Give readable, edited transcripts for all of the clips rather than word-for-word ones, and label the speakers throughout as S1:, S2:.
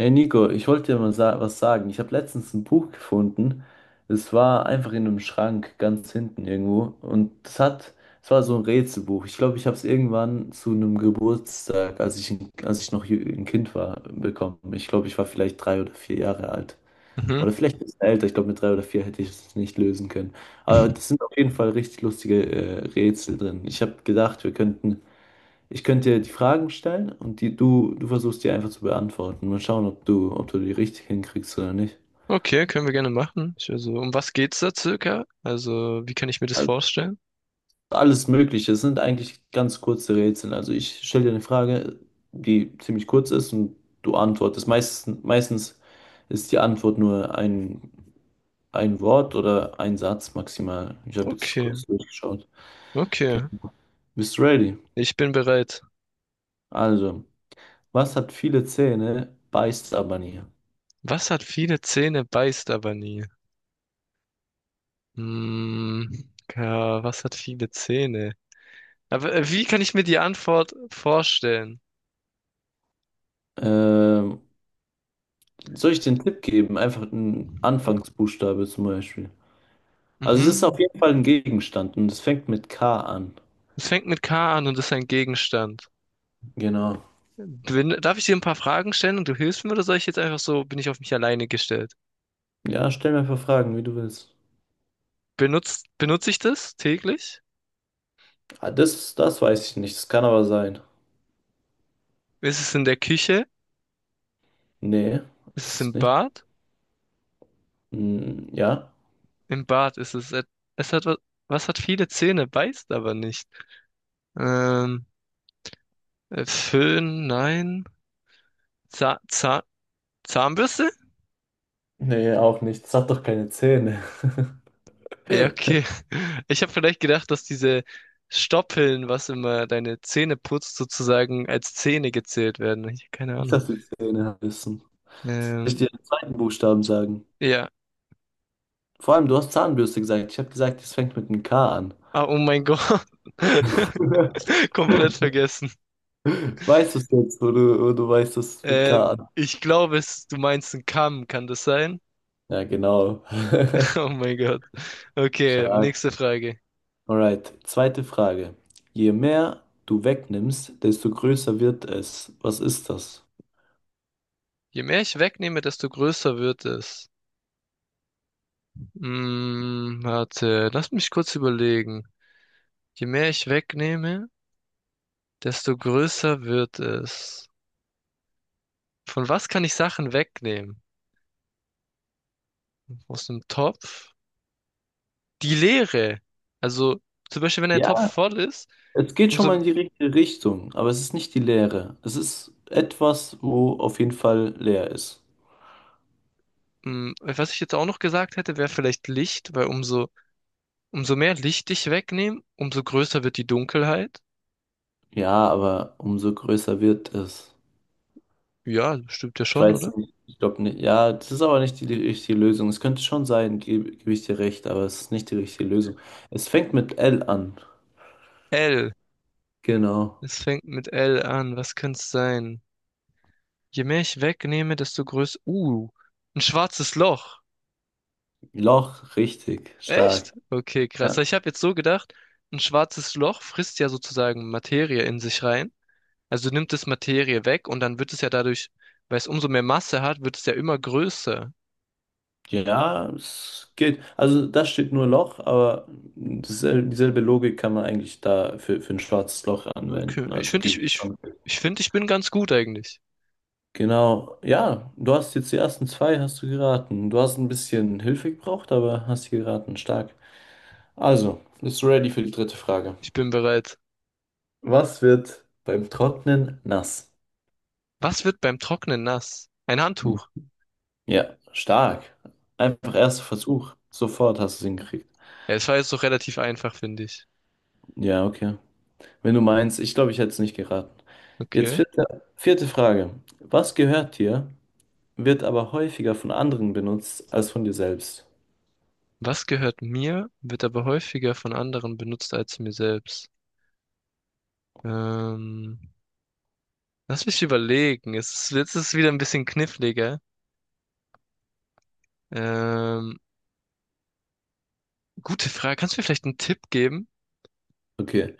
S1: Hey Nico, ich wollte dir mal sa was sagen. Ich habe letztens ein Buch gefunden. Es war einfach in einem Schrank ganz hinten irgendwo. Es war so ein Rätselbuch. Ich glaube, ich habe es irgendwann zu einem Geburtstag, als ich noch ein Kind war, bekommen. Ich glaube, ich war vielleicht drei oder vier Jahre alt.
S2: Mhm.
S1: Oder vielleicht ein bisschen älter. Ich glaube, mit drei oder vier hätte ich es nicht lösen können. Aber das sind auf jeden Fall richtig lustige Rätsel drin. Ich habe gedacht, wir könnten ich könnte dir die Fragen stellen und du versuchst die einfach zu beantworten. Mal schauen, ob du die richtig hinkriegst oder nicht.
S2: Okay, können wir gerne machen. Um was geht's da circa? Also, wie kann ich mir das
S1: Also
S2: vorstellen?
S1: alles Mögliche. Es sind eigentlich ganz kurze Rätsel. Also ich stelle dir eine Frage, die ziemlich kurz ist und du antwortest. Meistens ist die Antwort nur ein Wort oder ein Satz maximal. Ich habe jetzt
S2: Okay,
S1: kurz durchgeschaut.
S2: okay.
S1: Okay. Bist du ready?
S2: Ich bin bereit.
S1: Also, was hat viele Zähne, beißt aber nie?
S2: Was hat viele Zähne, beißt aber nie? Hm, ja, was hat viele Zähne? Aber wie kann ich mir die Antwort vorstellen?
S1: Ähm, Soll ich den Tipp geben? Einfach einen Anfangsbuchstabe zum Beispiel. Also es ist
S2: Mhm.
S1: auf jeden Fall ein Gegenstand und es fängt mit K an.
S2: Es fängt mit K an und ist ein Gegenstand.
S1: Genau.
S2: Darf ich dir ein paar Fragen stellen und du hilfst mir oder soll ich jetzt einfach so, bin ich auf mich alleine gestellt?
S1: Ja, stell mir einfach Fragen, wie du willst.
S2: Benutze ich das täglich?
S1: Ah, das weiß ich nicht. Das kann aber sein.
S2: Ist es in der Küche?
S1: Nee,
S2: Ist es
S1: ist es
S2: im
S1: nicht.
S2: Bart?
S1: Hm, ja.
S2: Im Bart ist es. Es hat was hat viele Zähne, beißt aber nicht. Ähm, Föhn, nein. Zahn, Zahn, Zahnbürste?
S1: Nee, auch nicht. Es hat doch keine Zähne.
S2: Ja, okay. Ich habe vielleicht gedacht, dass diese Stoppeln, was immer deine Zähne putzt, sozusagen als Zähne gezählt werden. Ich hab keine
S1: Nicht,
S2: Ahnung.
S1: dass die Zähne wissen. Soll ich
S2: Ähm,
S1: dir den zweiten Buchstaben sagen?
S2: ja.
S1: Vor allem, du hast Zahnbürste gesagt. Ich habe gesagt, es fängt mit einem K an.
S2: Ah, oh mein Gott. Komplett vergessen.
S1: Weißt du es jetzt, wo du weißt, dass es mit K
S2: Ich glaube, du meinst einen Kamm, kann das sein?
S1: Ja, genau.
S2: Oh mein Gott. Okay,
S1: Stark.
S2: nächste Frage.
S1: Alright, zweite Frage. Je mehr du wegnimmst, desto größer wird es. Was ist das?
S2: Je mehr ich wegnehme, desto größer wird es. Hm, warte, lass mich kurz überlegen. Je mehr ich wegnehme, desto größer wird es. Von was kann ich Sachen wegnehmen? Aus dem Topf? Die Leere. Also, zum Beispiel, wenn ein Topf
S1: Ja,
S2: voll ist,
S1: es geht schon mal
S2: umso,
S1: in die richtige Richtung, aber es ist nicht die Leere. Es ist etwas, wo auf jeden Fall leer ist.
S2: hm, was ich jetzt auch noch gesagt hätte, wäre vielleicht Licht, weil umso mehr Licht ich wegnehme, umso größer wird die Dunkelheit.
S1: Ja, aber umso größer wird es.
S2: Ja, stimmt ja
S1: Ich
S2: schon, oder?
S1: weiß nicht, ich glaube nicht. Ja, das ist aber nicht die richtige Lösung. Es könnte schon sein, gebe ich dir recht, aber es ist nicht die richtige Lösung. Es fängt mit L an.
S2: L.
S1: Genau.
S2: Es fängt mit L an. Was könnte sein? Je mehr ich wegnehme, desto größer. Ein schwarzes Loch.
S1: Loch, richtig,
S2: Echt?
S1: stark.
S2: Okay, krass.
S1: Ja.
S2: Ich habe jetzt so gedacht, ein schwarzes Loch frisst ja sozusagen Materie in sich rein. Also nimmt es Materie weg und dann wird es ja dadurch, weil es umso mehr Masse hat, wird es ja immer größer.
S1: Ja, es geht. Also da steht nur Loch, aber dieselbe Logik kann man eigentlich da für ein schwarzes Loch
S2: Okay,
S1: anwenden.
S2: ich
S1: Also
S2: finde,
S1: gibt es schon.
S2: ich finde, ich bin ganz gut eigentlich.
S1: Genau. Ja, du hast jetzt die ersten zwei, hast du geraten. Du hast ein bisschen Hilfe gebraucht, aber hast sie geraten. Stark. Also, bist du ready für die dritte Frage?
S2: Ich bin bereit.
S1: Was wird beim Trocknen nass?
S2: Was wird beim Trocknen nass? Ein
S1: Hm.
S2: Handtuch.
S1: Ja, stark. Einfach erster Versuch. Sofort hast du es hingekriegt.
S2: Ja, es war jetzt doch relativ einfach, finde ich.
S1: Ja, okay. Wenn du meinst, ich glaube, ich hätte es nicht geraten. Jetzt
S2: Okay.
S1: vierte Frage. Was gehört dir, wird aber häufiger von anderen benutzt als von dir selbst?
S2: Was gehört mir, wird aber häufiger von anderen benutzt als mir selbst. Ähm, lass mich überlegen. Es ist, jetzt ist es wieder ein bisschen kniffliger. Ähm, gute Frage. Kannst du mir vielleicht einen Tipp geben?
S1: Okay.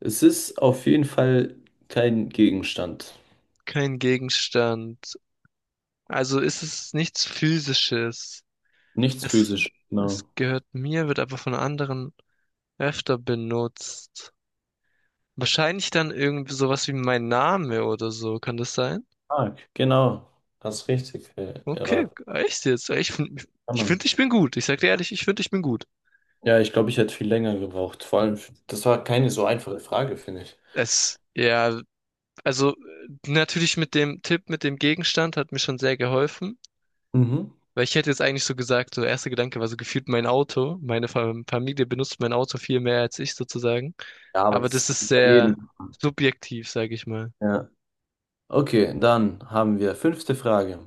S1: Es ist auf jeden Fall kein Gegenstand.
S2: Kein Gegenstand. Also ist es nichts Physisches.
S1: Nichts
S2: Es,
S1: physisch.
S2: es
S1: Genau.
S2: gehört mir, wird aber von anderen öfter benutzt. Wahrscheinlich dann irgendwie sowas wie mein Name oder so. Kann das sein?
S1: Mark, genau. Hast richtig
S2: Okay,
S1: erraten.
S2: echt jetzt? Ich finde,
S1: Kann man.
S2: ich bin gut. Ich sag dir ehrlich, ich finde, ich bin gut.
S1: Ja, ich glaube, ich hätte viel länger gebraucht. Vor allem, das war keine so einfache Frage, finde ich.
S2: Es, ja, also natürlich mit dem Tipp, mit dem Gegenstand hat mir schon sehr geholfen,
S1: Mhm.
S2: weil ich hätte jetzt eigentlich so gesagt, so erster Gedanke war so gefühlt mein Auto. Meine Familie benutzt mein Auto viel mehr als ich sozusagen.
S1: Ja, aber
S2: Aber
S1: das
S2: das
S1: ist
S2: ist
S1: bei
S2: sehr
S1: jedem.
S2: subjektiv, sage ich mal.
S1: Ja. Okay, dann haben wir fünfte Frage.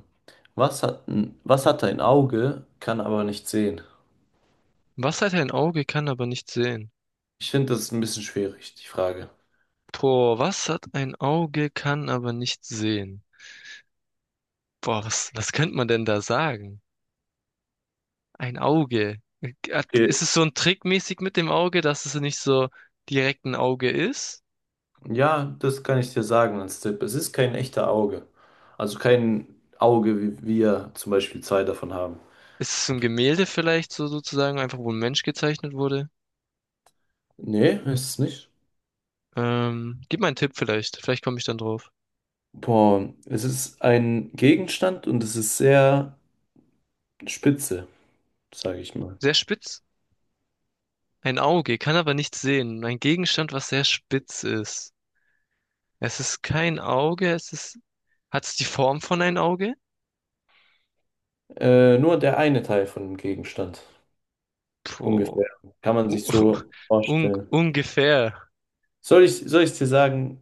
S1: Was hat ein Auge, kann aber nicht sehen?
S2: Was hat ein Auge, kann aber nicht sehen?
S1: Ich finde das ist ein bisschen schwierig, die Frage.
S2: Boah, was hat ein Auge, kann aber nicht sehen? Boah, was könnte man denn da sagen? Ein Auge.
S1: Okay.
S2: Ist es so ein Trickmäßig mit dem Auge, dass es nicht so direkt ein Auge ist?
S1: Ja, das kann ich dir sagen als Tipp. Es ist kein echter Auge. Also kein Auge, wie wir zum Beispiel zwei davon haben.
S2: Ist es ein Gemälde vielleicht so sozusagen, einfach wo ein Mensch gezeichnet wurde?
S1: Nee, ist es nicht.
S2: Gib mal einen Tipp vielleicht. Vielleicht komme ich dann drauf.
S1: Boah, es ist ein Gegenstand und es ist sehr spitze, sage ich mal.
S2: Sehr spitz? Ein Auge, kann aber nichts sehen. Ein Gegenstand, was sehr spitz ist. Es ist kein Auge, es ist. Hat es die Form von einem Auge?
S1: Nur der eine Teil von dem Gegenstand.
S2: Puh.
S1: Ungefähr. Kann man sich so
S2: Un
S1: vorstellen.
S2: ungefähr.
S1: Soll ich dir sagen,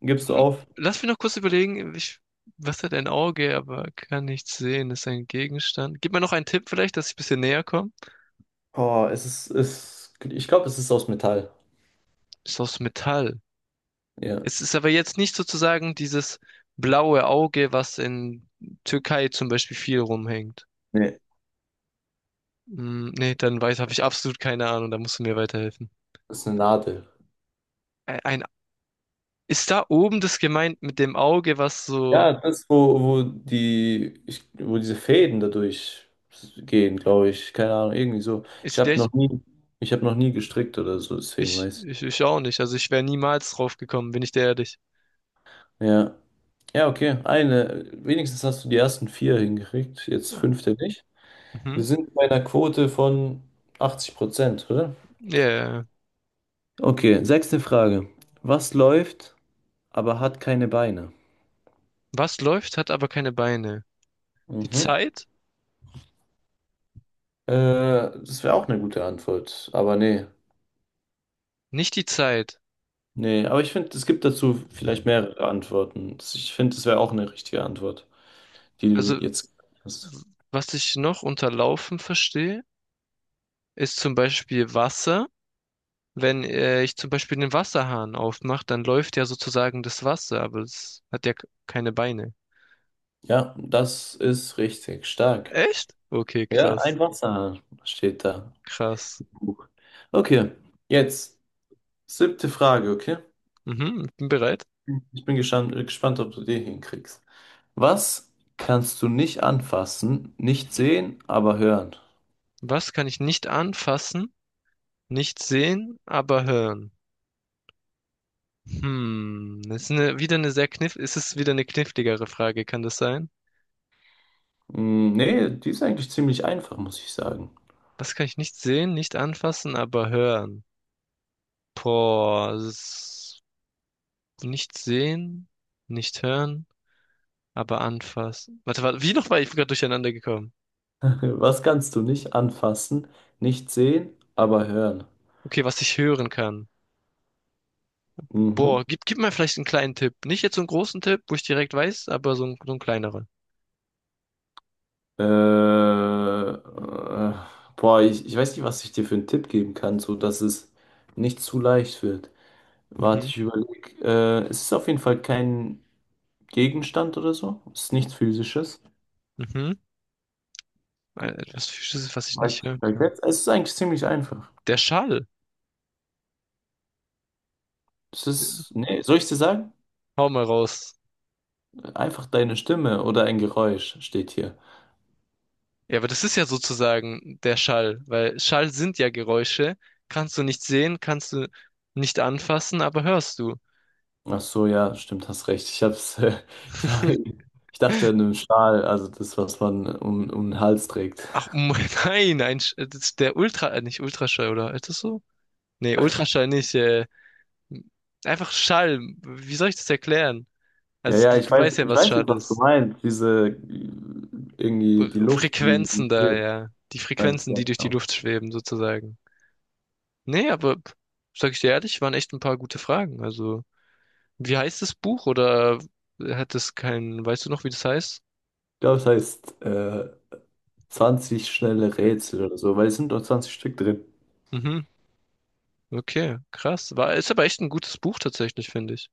S1: gibst du
S2: Hm,
S1: auf?
S2: lass mich noch kurz überlegen, was hat ein Auge, aber kann nichts sehen, ist ein Gegenstand. Gib mir noch einen Tipp vielleicht, dass ich ein bisschen näher komme.
S1: Boah, ich glaube, es ist aus Metall.
S2: Ist aus Metall.
S1: Ja.
S2: Es ist aber jetzt nicht sozusagen dieses blaue Auge, was in Türkei zum Beispiel viel rumhängt.
S1: Nee.
S2: Hm, nee, habe ich absolut keine Ahnung, da musst du mir weiterhelfen.
S1: Das ist eine Nadel.
S2: Ein, ist da oben das gemeint mit dem Auge, was so,
S1: Ja, das, wo, wo die, ich, wo diese Fäden dadurch gehen, glaube ich. Keine Ahnung, irgendwie so.
S2: ist echt,
S1: Ich habe noch nie gestrickt oder so, deswegen weiß
S2: ich auch nicht, also ich wäre niemals drauf gekommen, bin ich dir ehrlich.
S1: ich. Ja. Ja, okay. Eine. Wenigstens hast du die ersten vier hingekriegt. Jetzt fünfte nicht. Wir
S2: Mhm.
S1: sind bei einer Quote von 80 Prozent, oder?
S2: Ja, yeah.
S1: Okay, sechste Frage. Was läuft, aber hat keine Beine?
S2: Was läuft, hat aber keine Beine. Die
S1: Mhm.
S2: Zeit?
S1: Das wäre auch eine gute Antwort, aber nee.
S2: Nicht die Zeit.
S1: Nee, aber ich finde, es gibt dazu vielleicht mehrere Antworten. Ich finde, es wäre auch eine richtige Antwort, die du
S2: Also,
S1: jetzt hast.
S2: was ich noch unter Laufen verstehe, ist zum Beispiel Wasser. Wenn ich zum Beispiel den Wasserhahn aufmache, dann läuft ja sozusagen das Wasser, aber es hat ja keine Beine.
S1: Ja, das ist richtig. Stark.
S2: Echt? Okay,
S1: Ja, ein Wasserhahn steht da.
S2: krass.
S1: Buch. Okay, jetzt siebte Frage, okay?
S2: Mhm, ich bin bereit.
S1: Ich bin gespannt, ob du die hinkriegst. Was kannst du nicht anfassen, nicht sehen, aber hören?
S2: Was kann ich nicht anfassen, nicht sehen, aber hören? Hm, das ist eine, wieder eine ist es wieder eine kniffligere Frage, kann das sein?
S1: Hm, nee, die ist eigentlich ziemlich einfach, muss ich sagen.
S2: Was kann ich nicht sehen, nicht anfassen, aber hören? Boah, das ist nicht sehen, nicht hören, aber anfassen. Warte, wie noch war ich gerade durcheinander gekommen?
S1: Was kannst du nicht anfassen, nicht sehen, aber hören?
S2: Okay, was ich hören kann.
S1: Mhm.
S2: Boah, gib mir vielleicht einen kleinen Tipp. Nicht jetzt so einen großen Tipp, wo ich direkt weiß, aber so ein kleineren.
S1: Äh, äh, boah, ich weiß nicht, was ich dir für einen Tipp geben kann, so dass es nicht zu leicht wird. Warte,
S2: Mhm.
S1: ich überlege. Es ist auf jeden Fall kein Gegenstand oder so. Es ist nichts Physisches.
S2: Mhm. Etwas Physisches, was ich
S1: Weiß
S2: nicht
S1: ich
S2: hören
S1: vielleicht
S2: kann.
S1: jetzt. Es ist eigentlich ziemlich einfach.
S2: Der Schall.
S1: Es ist, nee, soll ich dir sagen?
S2: Hau mal raus.
S1: Einfach deine Stimme oder ein Geräusch steht hier.
S2: Ja, aber das ist ja sozusagen der Schall, weil Schall sind ja Geräusche. Kannst du nicht sehen, kannst du nicht anfassen, aber hörst du.
S1: Ach so, ja, stimmt, hast recht. Ich hab's, ich hab, ich dachte an einen Schal, also das, was man um den Hals trägt.
S2: Ach, nein, das ist der nicht Ultraschall, oder? Ist das so? Nee, Ultraschall nicht. Einfach Schall. Wie soll ich das erklären?
S1: Ja,
S2: Also
S1: ja,
S2: du weißt ja,
S1: ich
S2: was
S1: weiß jetzt,
S2: schade
S1: was du
S2: ist.
S1: meinst. Irgendwie die Luft, die
S2: Frequenzen da,
S1: kühlt.
S2: ja. Die
S1: Ja,
S2: Frequenzen, die durch die
S1: genau.
S2: Luft schweben, sozusagen. Nee, aber sag ich dir ehrlich, waren echt ein paar gute Fragen. Also, wie heißt das Buch oder hat es keinen, weißt du noch, wie das heißt?
S1: Ich glaube, es heißt 20 schnelle Rätsel oder so, weil es sind doch 20 Stück drin.
S2: Mhm. Okay, krass. Ist aber echt ein gutes Buch tatsächlich, finde ich.